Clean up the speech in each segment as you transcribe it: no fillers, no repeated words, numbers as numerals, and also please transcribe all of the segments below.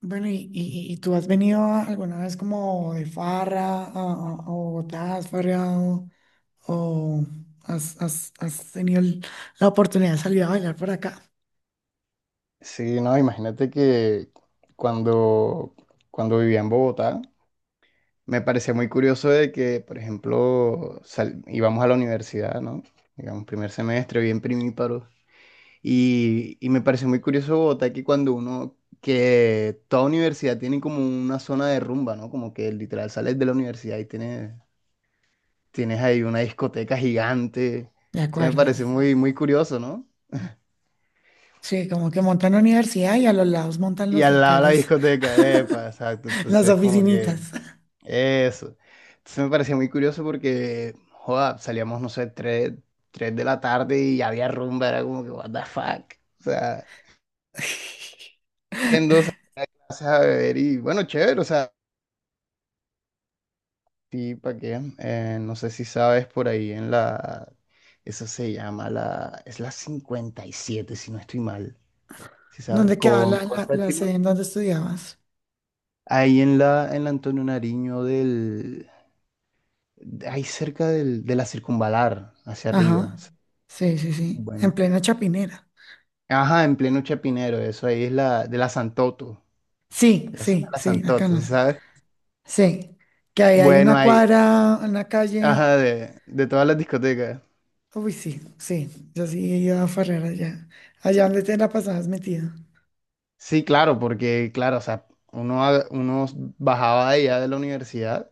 Bueno, ¿y tú has venido alguna vez como de farra a Bogotá? ¿Has farreado o has tenido la oportunidad de salir a bailar por acá? Sí, no, imagínate que cuando, cuando vivía en Bogotá, me parecía muy curioso de que, por ejemplo, íbamos a la universidad, ¿no? Digamos, primer semestre, bien primíparos. Y me pareció muy curioso Bogotá que cuando uno, que toda universidad tiene como una zona de rumba, ¿no? Como que literal sales de la universidad y tienes ahí una discoteca gigante. De Eso me acuerdo. parece muy, muy curioso, ¿no? Sí, como que montan la universidad y a los lados montan Y los al lado de la locales, discoteca, epa, exacto. las Entonces, como oficinitas. que... Eso. Entonces me parecía muy curioso porque, joda, salíamos, no sé, tres de la tarde y había rumba, era como que, what the fuck. O sea, en dos clases a beber y bueno, chévere, o sea, sí, ¿para qué? No sé si sabes por ahí en eso se llama la, es la 57 si no estoy mal, si sabes, ¿Dónde quedaba la, con la, la sede séptima. en donde estudiabas? Ahí en la Antonio Nariño del, ahí cerca del, de la circunvalar, hacia arriba. Ajá. Sí, sí, sí. En Bueno. plena Chapinera. Ajá, en pleno Chapinero, eso ahí es la de la Santoto, Sí, la zona de sí, la sí, acá Santoto, no. ¿sí sabes? Sí, que ahí hay Bueno, una ahí, cuadra, una calle. ajá, de todas las discotecas. Uy, sí, sí, yo sí iba a farrear allá. Allá donde te la pasabas metido. Sí, claro, porque, claro, o sea, uno, uno bajaba de allá de la universidad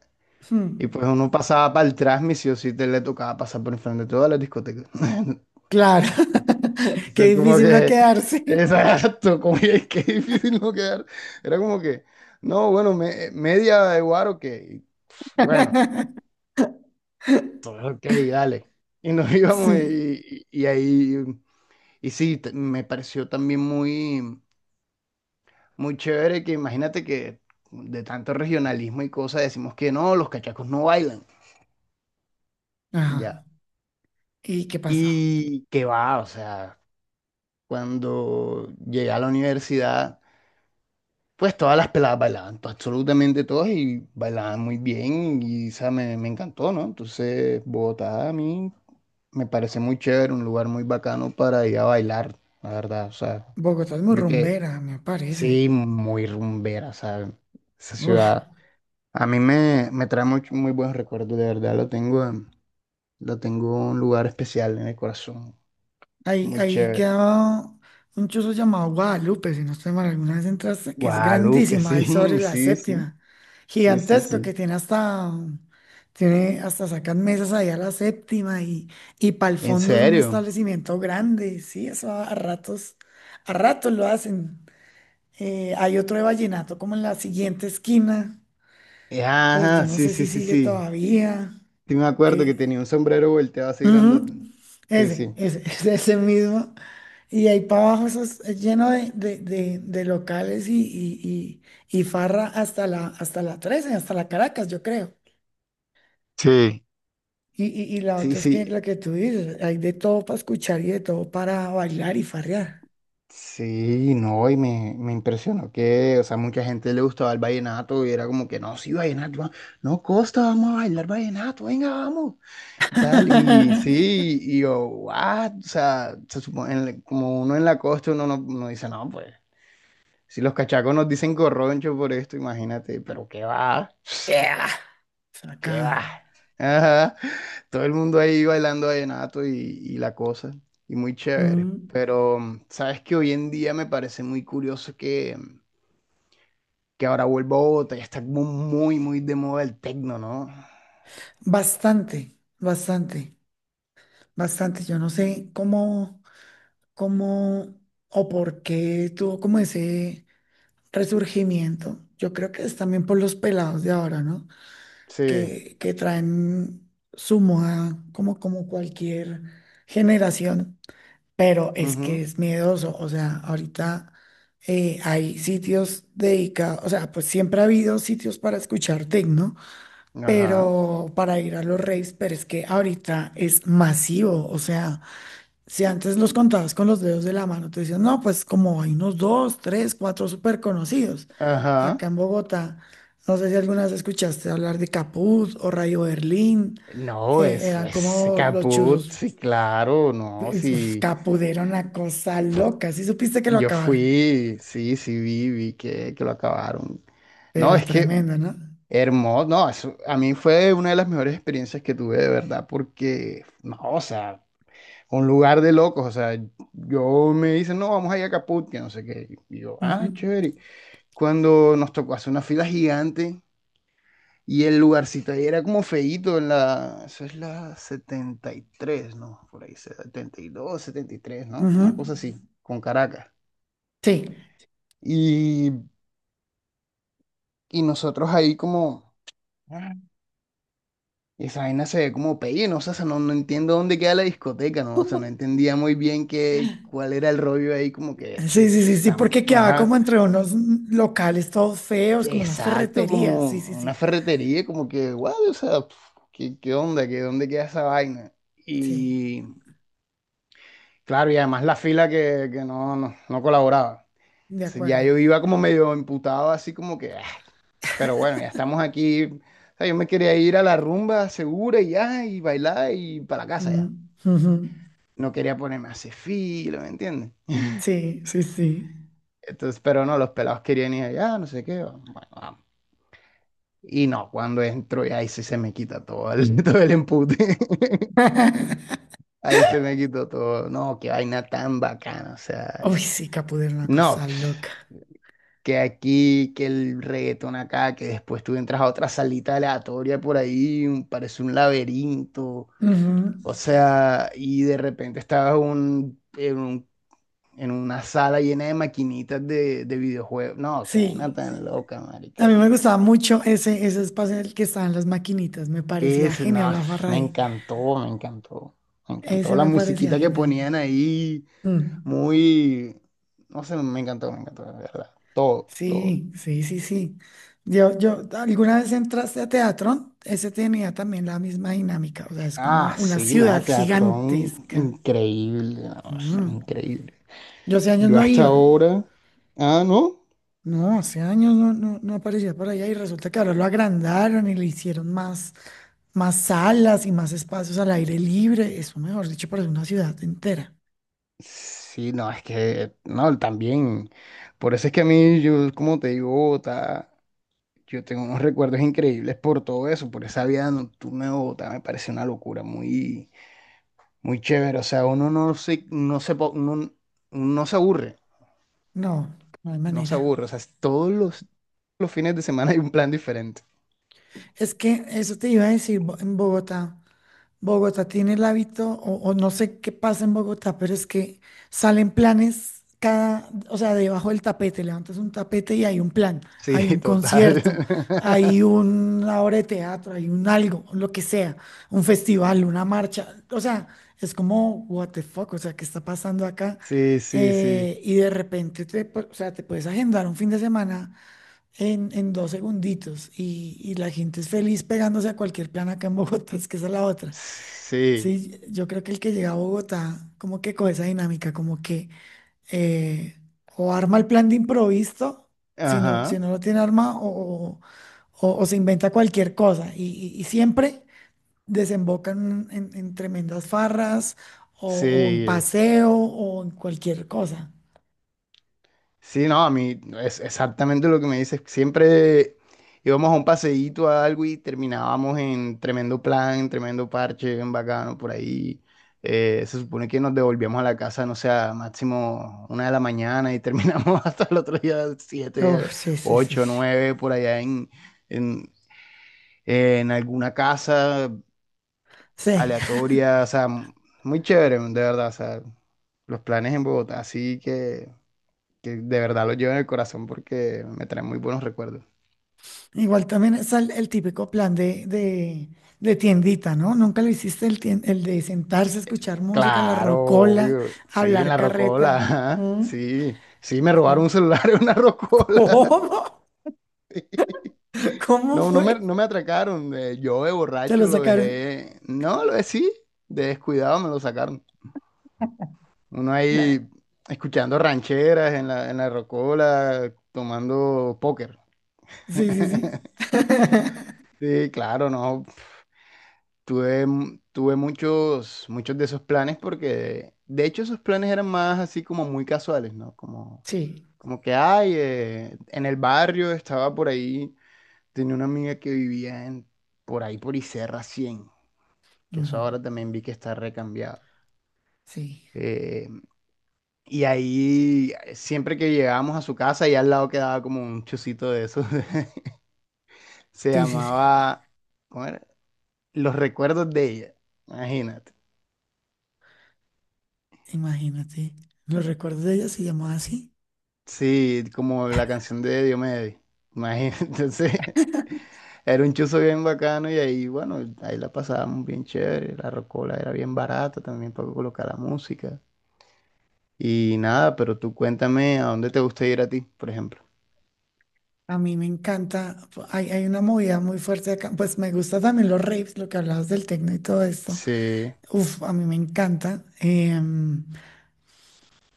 y Hmm. pues uno pasaba para el transmisio, sí o sí te le tocaba pasar por enfrente de todas las discotecas. Claro, O sea, qué como difícil no que, quedarse. exacto, como que qué difícil no quedar. Era como que, no, bueno, media de guaro que, bueno. Ok, dale. Y nos íbamos Sí. y, y ahí, y sí, me pareció también muy, muy chévere que imagínate que de tanto regionalismo y cosas decimos que no, los cachacos no bailan, Ajá. ya. ¿Y qué pasó? Y que va, o sea, cuando llegué a la universidad, pues todas las peladas bailaban, absolutamente todas y bailaban muy bien y, o sea, me encantó, ¿no? Entonces, Bogotá a mí me parece muy chévere, un lugar muy bacano para ir a bailar, la verdad, o sea. Bogotá es muy Yo que rumbera, me parece. sí, muy rumbera, ¿sabes? Esa Uf. ciudad a mí me, me trae muy, muy buenos recuerdos, de verdad. Lo tengo, lo tengo en un lugar especial en el corazón. Ahí, Muy ahí chévere. quedaba un chuzo llamado Guadalupe, si no estoy mal, alguna vez entraste, que es Guadalupe, grandísima, ahí sobre sí, la sí, sí, séptima. sí, sí, Gigantesco, sí. que tiene hasta sacan mesas ahí a la séptima y para el ¿En fondo es un serio? establecimiento grande, sí, eso a ratos, a ratos lo hacen. Hay otro de vallenato como en la siguiente esquina, o yo Ajá, no sí, sé si sí, sí, sigue sí. todavía. Sí me acuerdo que Eh, tenía un sombrero volteado así ujú. grandote. Sí, Ese, sí. ese, ese mismo. Y ahí para abajo eso es lleno de locales y farra hasta la 13, hasta la Caracas, yo creo. Sí. Y la Sí, otra es que sí. la que tú dices, hay de todo para escuchar y de todo para bailar y farrear. Sí, no, y me impresionó que, o sea, mucha gente le gustaba el vallenato y era como que, no, sí, vallenato, no, Costa, vamos a bailar vallenato, venga, vamos, y tal, y sí, y yo, what, o sea, se supone, en como uno en la costa, uno no, uno dice, no, pues, si los cachacos nos dicen corroncho por esto, imagínate, pero qué va, Yeah. ¿qué Acá. va? Ajá. Todo el mundo ahí bailando vallenato y la cosa. Y muy chévere. Mm. Pero sabes que hoy en día me parece muy curioso que, que ahora vuelva a Bogotá. Ya está como muy, muy de moda el tecno, ¿no? Bastante, bastante, bastante. Yo no sé cómo, cómo o por qué tuvo como ese resurgimiento. Yo creo que es también por los pelados de ahora, ¿no? Sí. Que traen su moda como, como cualquier generación, pero es que Ujú. es miedoso. O sea, ahorita hay sitios dedicados, o sea, pues siempre ha habido sitios para escuchar techno, Ajá. pero para ir a los raves, pero es que ahorita es masivo. O sea, si antes los contabas con los dedos de la mano, te decían, no, pues como hay unos dos, tres, cuatro súper conocidos. Ajá. Acá en Bogotá, no sé si alguna vez escuchaste hablar de Caput o Rayo Berlín, No, eso eran es como los caput. chuzos. Sí, claro. No, Uf, sí. Caput era una cosa loca, sí supiste que lo Yo acabaron, fui. Sí, sí, vi, vi que lo acabaron. No, pero es que. tremenda, no. Hermoso, no, a mí fue una de las mejores experiencias que tuve de verdad, porque, no, o sea, un lugar de locos, o sea, yo me dicen, no, vamos a ir a Caput, que no sé qué, y yo, Ujú, ah, chévere, cuando nos tocó hacer una fila gigante y el lugarcito ahí era como feíto, en la, eso es la 73, ¿no? Por ahí, 70 72 73, ¿no? ujú. Una cosa así, con Caracas, Sí. y, y nosotros ahí como... Y esa vaina se ve como pelle, ¿no? O sea, no, no entiendo dónde queda la discoteca, ¿no? O sea, no entendía muy bien qué, cuál era el rollo ahí, como que, che, Sí, sí, sí, sí, está, porque quedaba ajá, como entre unos locales todos feos, como unas exacto, ferreterías. como Sí, sí, una sí. ferretería, como que, guau, o sea, pf, ¿qué, qué onda? ¿Qué, dónde queda esa vaina? Sí, Y, claro, y además la fila que no, no, no colaboraba. de Entonces, ya acuerdo. yo iba como medio emputado, así como que, ah, pero bueno, ya estamos aquí. O sea, yo me quería ir a la rumba segura y ya, y bailar y para la casa ya. Mm, ujú. No quería ponerme a hacer filo, ¿me entiendes? Sí, sí, sí. Entonces, pero no, los pelados querían ir allá, no sé qué, bueno, vamos. Y no, cuando entro, y ahí sí se me quita todo el, todo el empute. Ahí se me quitó todo. No, qué vaina tan bacana, o sea, Uy, sí, Capudé era una no, cosa loca. que aquí, que el reggaetón acá, que después tú entras a otra salita aleatoria por ahí, parece un laberinto. Ujú. O sea, y de repente estabas en un en una sala llena de maquinitas de videojuegos. No, qué vaina Sí, tan loca, marica. a mí me Y gustaba mucho ese, ese espacio en el que estaban las maquinitas. Me parecía ese, no, genial la farra me ahí. encantó, me encantó. Me Ese encantó la me parecía musiquita que genial. ponían ahí, Mm. muy, no sé, me encantó, de verdad. Todo, todo. Sí, sí, sí, sí. Yo, ¿alguna vez entraste a teatro? Ese tenía también la misma dinámica. O sea, es como Ah, una sí, no, ciudad teatrón gigantesca. increíble, no, sé, Mm. increíble. Yo hace años Yo no hasta iba. ahora, ah, no, No, hace años no, no, no aparecía por allá y resulta que ahora lo agrandaron y le hicieron más, más salas y más espacios al aire libre. Eso, mejor dicho, parece una ciudad entera. sí, no, es que, no, también, por eso es que a mí, yo, como te digo, yo tengo unos recuerdos increíbles por todo eso, por esa vida nocturna de Bogotá, me parece una locura, muy, muy chévere. O sea, uno no se, no se, no, no se aburre, No, no hay no se manera. aburre. O sea, todos los fines de semana hay un plan diferente. Es que eso te iba a decir, en Bogotá. Bogotá tiene el hábito, o no sé qué pasa en Bogotá, pero es que salen planes cada, o sea, debajo del tapete, levantas un tapete y hay un plan, hay Sí, un total. concierto, hay una obra de teatro, hay un algo, lo que sea, un festival, una marcha, o sea, es como, what the fuck, o sea, ¿qué está pasando acá? Sí, sí, sí. Y de repente, o sea, te puedes agendar un fin de semana en dos segunditos y la gente es feliz pegándose a cualquier plan acá en Bogotá, es que esa es la otra. Sí. Sí, yo creo que el que llega a Bogotá, como que con esa dinámica, como que eh, o arma el plan de improviso, si no, Ajá. si no lo tiene arma, o, o se inventa cualquier cosa. Y, y siempre desembocan en tremendas farras, o en Sí. paseo, o en cualquier cosa. Sí, no, a mí es exactamente lo que me dices. Siempre íbamos a un paseíto a algo y terminábamos en tremendo plan, en tremendo parche, bien bacano por ahí. Se supone que nos devolvíamos a la casa, no sé, a máximo una de la mañana y terminamos hasta el otro día, Uf, siete, sí, sí, sí. ocho, Sí. nueve, por allá en, en alguna casa Sí. aleatoria. O sea, muy chévere, de verdad. O sea, los planes en Bogotá, así que de verdad lo llevo en el corazón porque me trae muy buenos recuerdos. Igual también es el típico plan de tiendita, ¿no? Nunca lo hiciste el de sentarse a escuchar música, la Claro, rocola, obvio. Sí, en hablar la rocola. carreta. Ajá, ¿Mm? sí, sí, me robaron Sí. un celular en una ¿Cómo? rocola. Sí. ¿Cómo No, no me, fue? no me atracaron. Yo de Te lo borracho lo sacaron. dejé. No, lo decí. De descuidado me lo sacaron. Uno Claro. ahí escuchando rancheras en la rocola, tomando póker. Sí, sí, sí. Sí, claro, no. Tuve, tuve muchos, muchos de esos planes porque, de hecho, esos planes eran más así como muy casuales, ¿no? Como, Sí. como que, ay, en el barrio estaba por ahí, tenía una amiga que vivía en, por ahí por Iserra 100 que eso Ujú. ahora también vi que está recambiado. Sí. Eh, y ahí, siempre que llegábamos a su casa, y al lado quedaba como un chocito de esos, se Sí, sí, sí. llamaba, ¿cómo era? Los recuerdos de ella, imagínate. Imagínate. Los recuerdos de ella se llamaba así. Sí, como la canción de Diomedes. Imagínate, entonces era un chuzo bien bacano y ahí, bueno, ahí la pasábamos bien chévere. La rocola era bien barata también para colocar la música. Y nada, pero tú cuéntame a dónde te gusta ir a ti, por ejemplo. A mí me encanta. Hay una movida muy fuerte acá. Pues me gusta también los raves, lo que hablabas del techno y todo esto. Sí, Uf, a mí me encanta.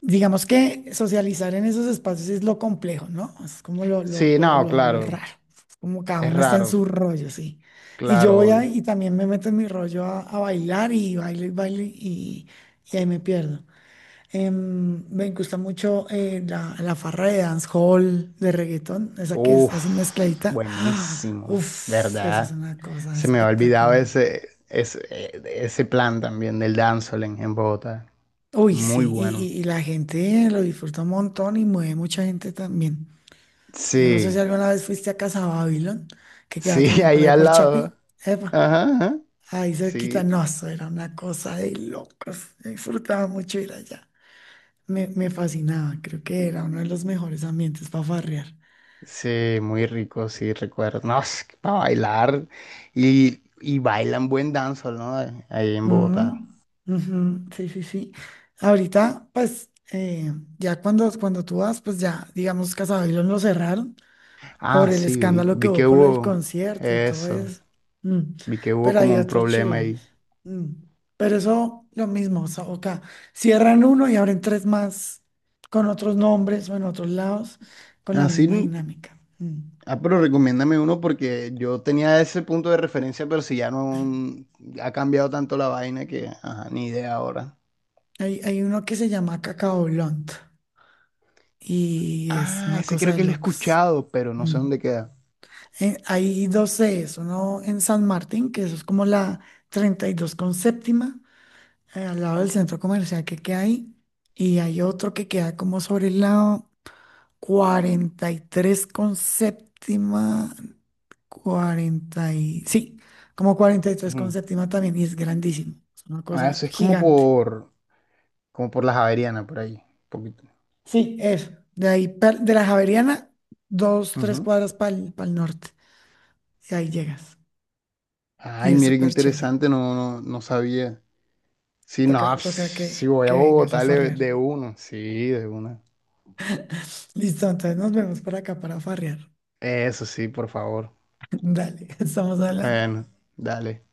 Digamos que socializar en esos espacios es lo complejo, ¿no? Es como lo, lo, sí, lo, no, lo, lo claro, raro. Es como cada es uno está en raro, su rollo, sí. Y yo claro, voy a, obvio. y también me meto en mi rollo a bailar y bailo y bailo y ahí me pierdo. Em, me gusta mucho la farra de dancehall, de reggaetón, esa que es así Uf, mezcladita. ¡Ah! buenísimo, Uf, eso es ¿verdad? una cosa Se me ha olvidado espectacular. ese, ese, ese plan también del dancehall en Bogotá. Uy, Muy sí, y, bueno. y la gente lo disfruta un montón y mueve mucha gente también. Yo no sé Sí, si alguna vez fuiste a Casa Babilón, que queda sí, también para ahí ahí al por lado. Chapi. Epa, Ajá, ajá. ahí cerquita. Sí, No, eso era una cosa de locos. Disfrutaba mucho ir allá. Me fascinaba. Creo que era uno de los mejores ambientes para farrear. sí, muy rico, sí, recuerdo. No, es que para bailar. Y bailan buen danzol, ¿no? Ahí en Ujú, Bogotá. ujú. Sí, sí, sí. Ahorita, pues, ya cuando, cuando tú vas, pues ya, digamos, Casa Babilón lo cerraron por Ah, el sí, vi, escándalo que vi hubo que por el hubo concierto y todo eso. eso. Mm. Vi que hubo Pero como hay un otros problema chulos. ahí. Mm. Pero eso, lo mismo, o sea, acá cierran uno y abren tres más con otros nombres o en otros lados con la Así, misma dinámica. Mm. ah, pero recomiéndame uno porque yo tenía ese punto de referencia, pero si ya no ha cambiado tanto la vaina que, ajá, ni idea ahora. Hay uno que se llama Cacao Blunt y es Ah, una ese cosa creo de que lo he locos. escuchado, pero no sé Mm. dónde queda. Hay dos sedes, uno en San Martín, que eso es como la 32 con séptima, al lado del centro comercial que queda ahí, y hay otro que queda como sobre el lado 43 con séptima, 40 y, sí, como 43 con Ujú. séptima también, y es grandísimo, es una Ah, cosa eso es como gigante. por, como por la Javeriana, por ahí, un poquito. Sí, eso, de ahí, de la Javeriana, dos, tres Ujú. cuadras para el norte, y ahí llegas, y Ay, es mire qué súper chévere, interesante, no, no, no sabía. Sí, toca, no, pss, toca sí voy a que vengas Bogotá a farrear. de uno, sí, de una. Listo, entonces nos vemos por acá para farrear. Eso sí, por favor. Dale, estamos hablando. Bueno, dale.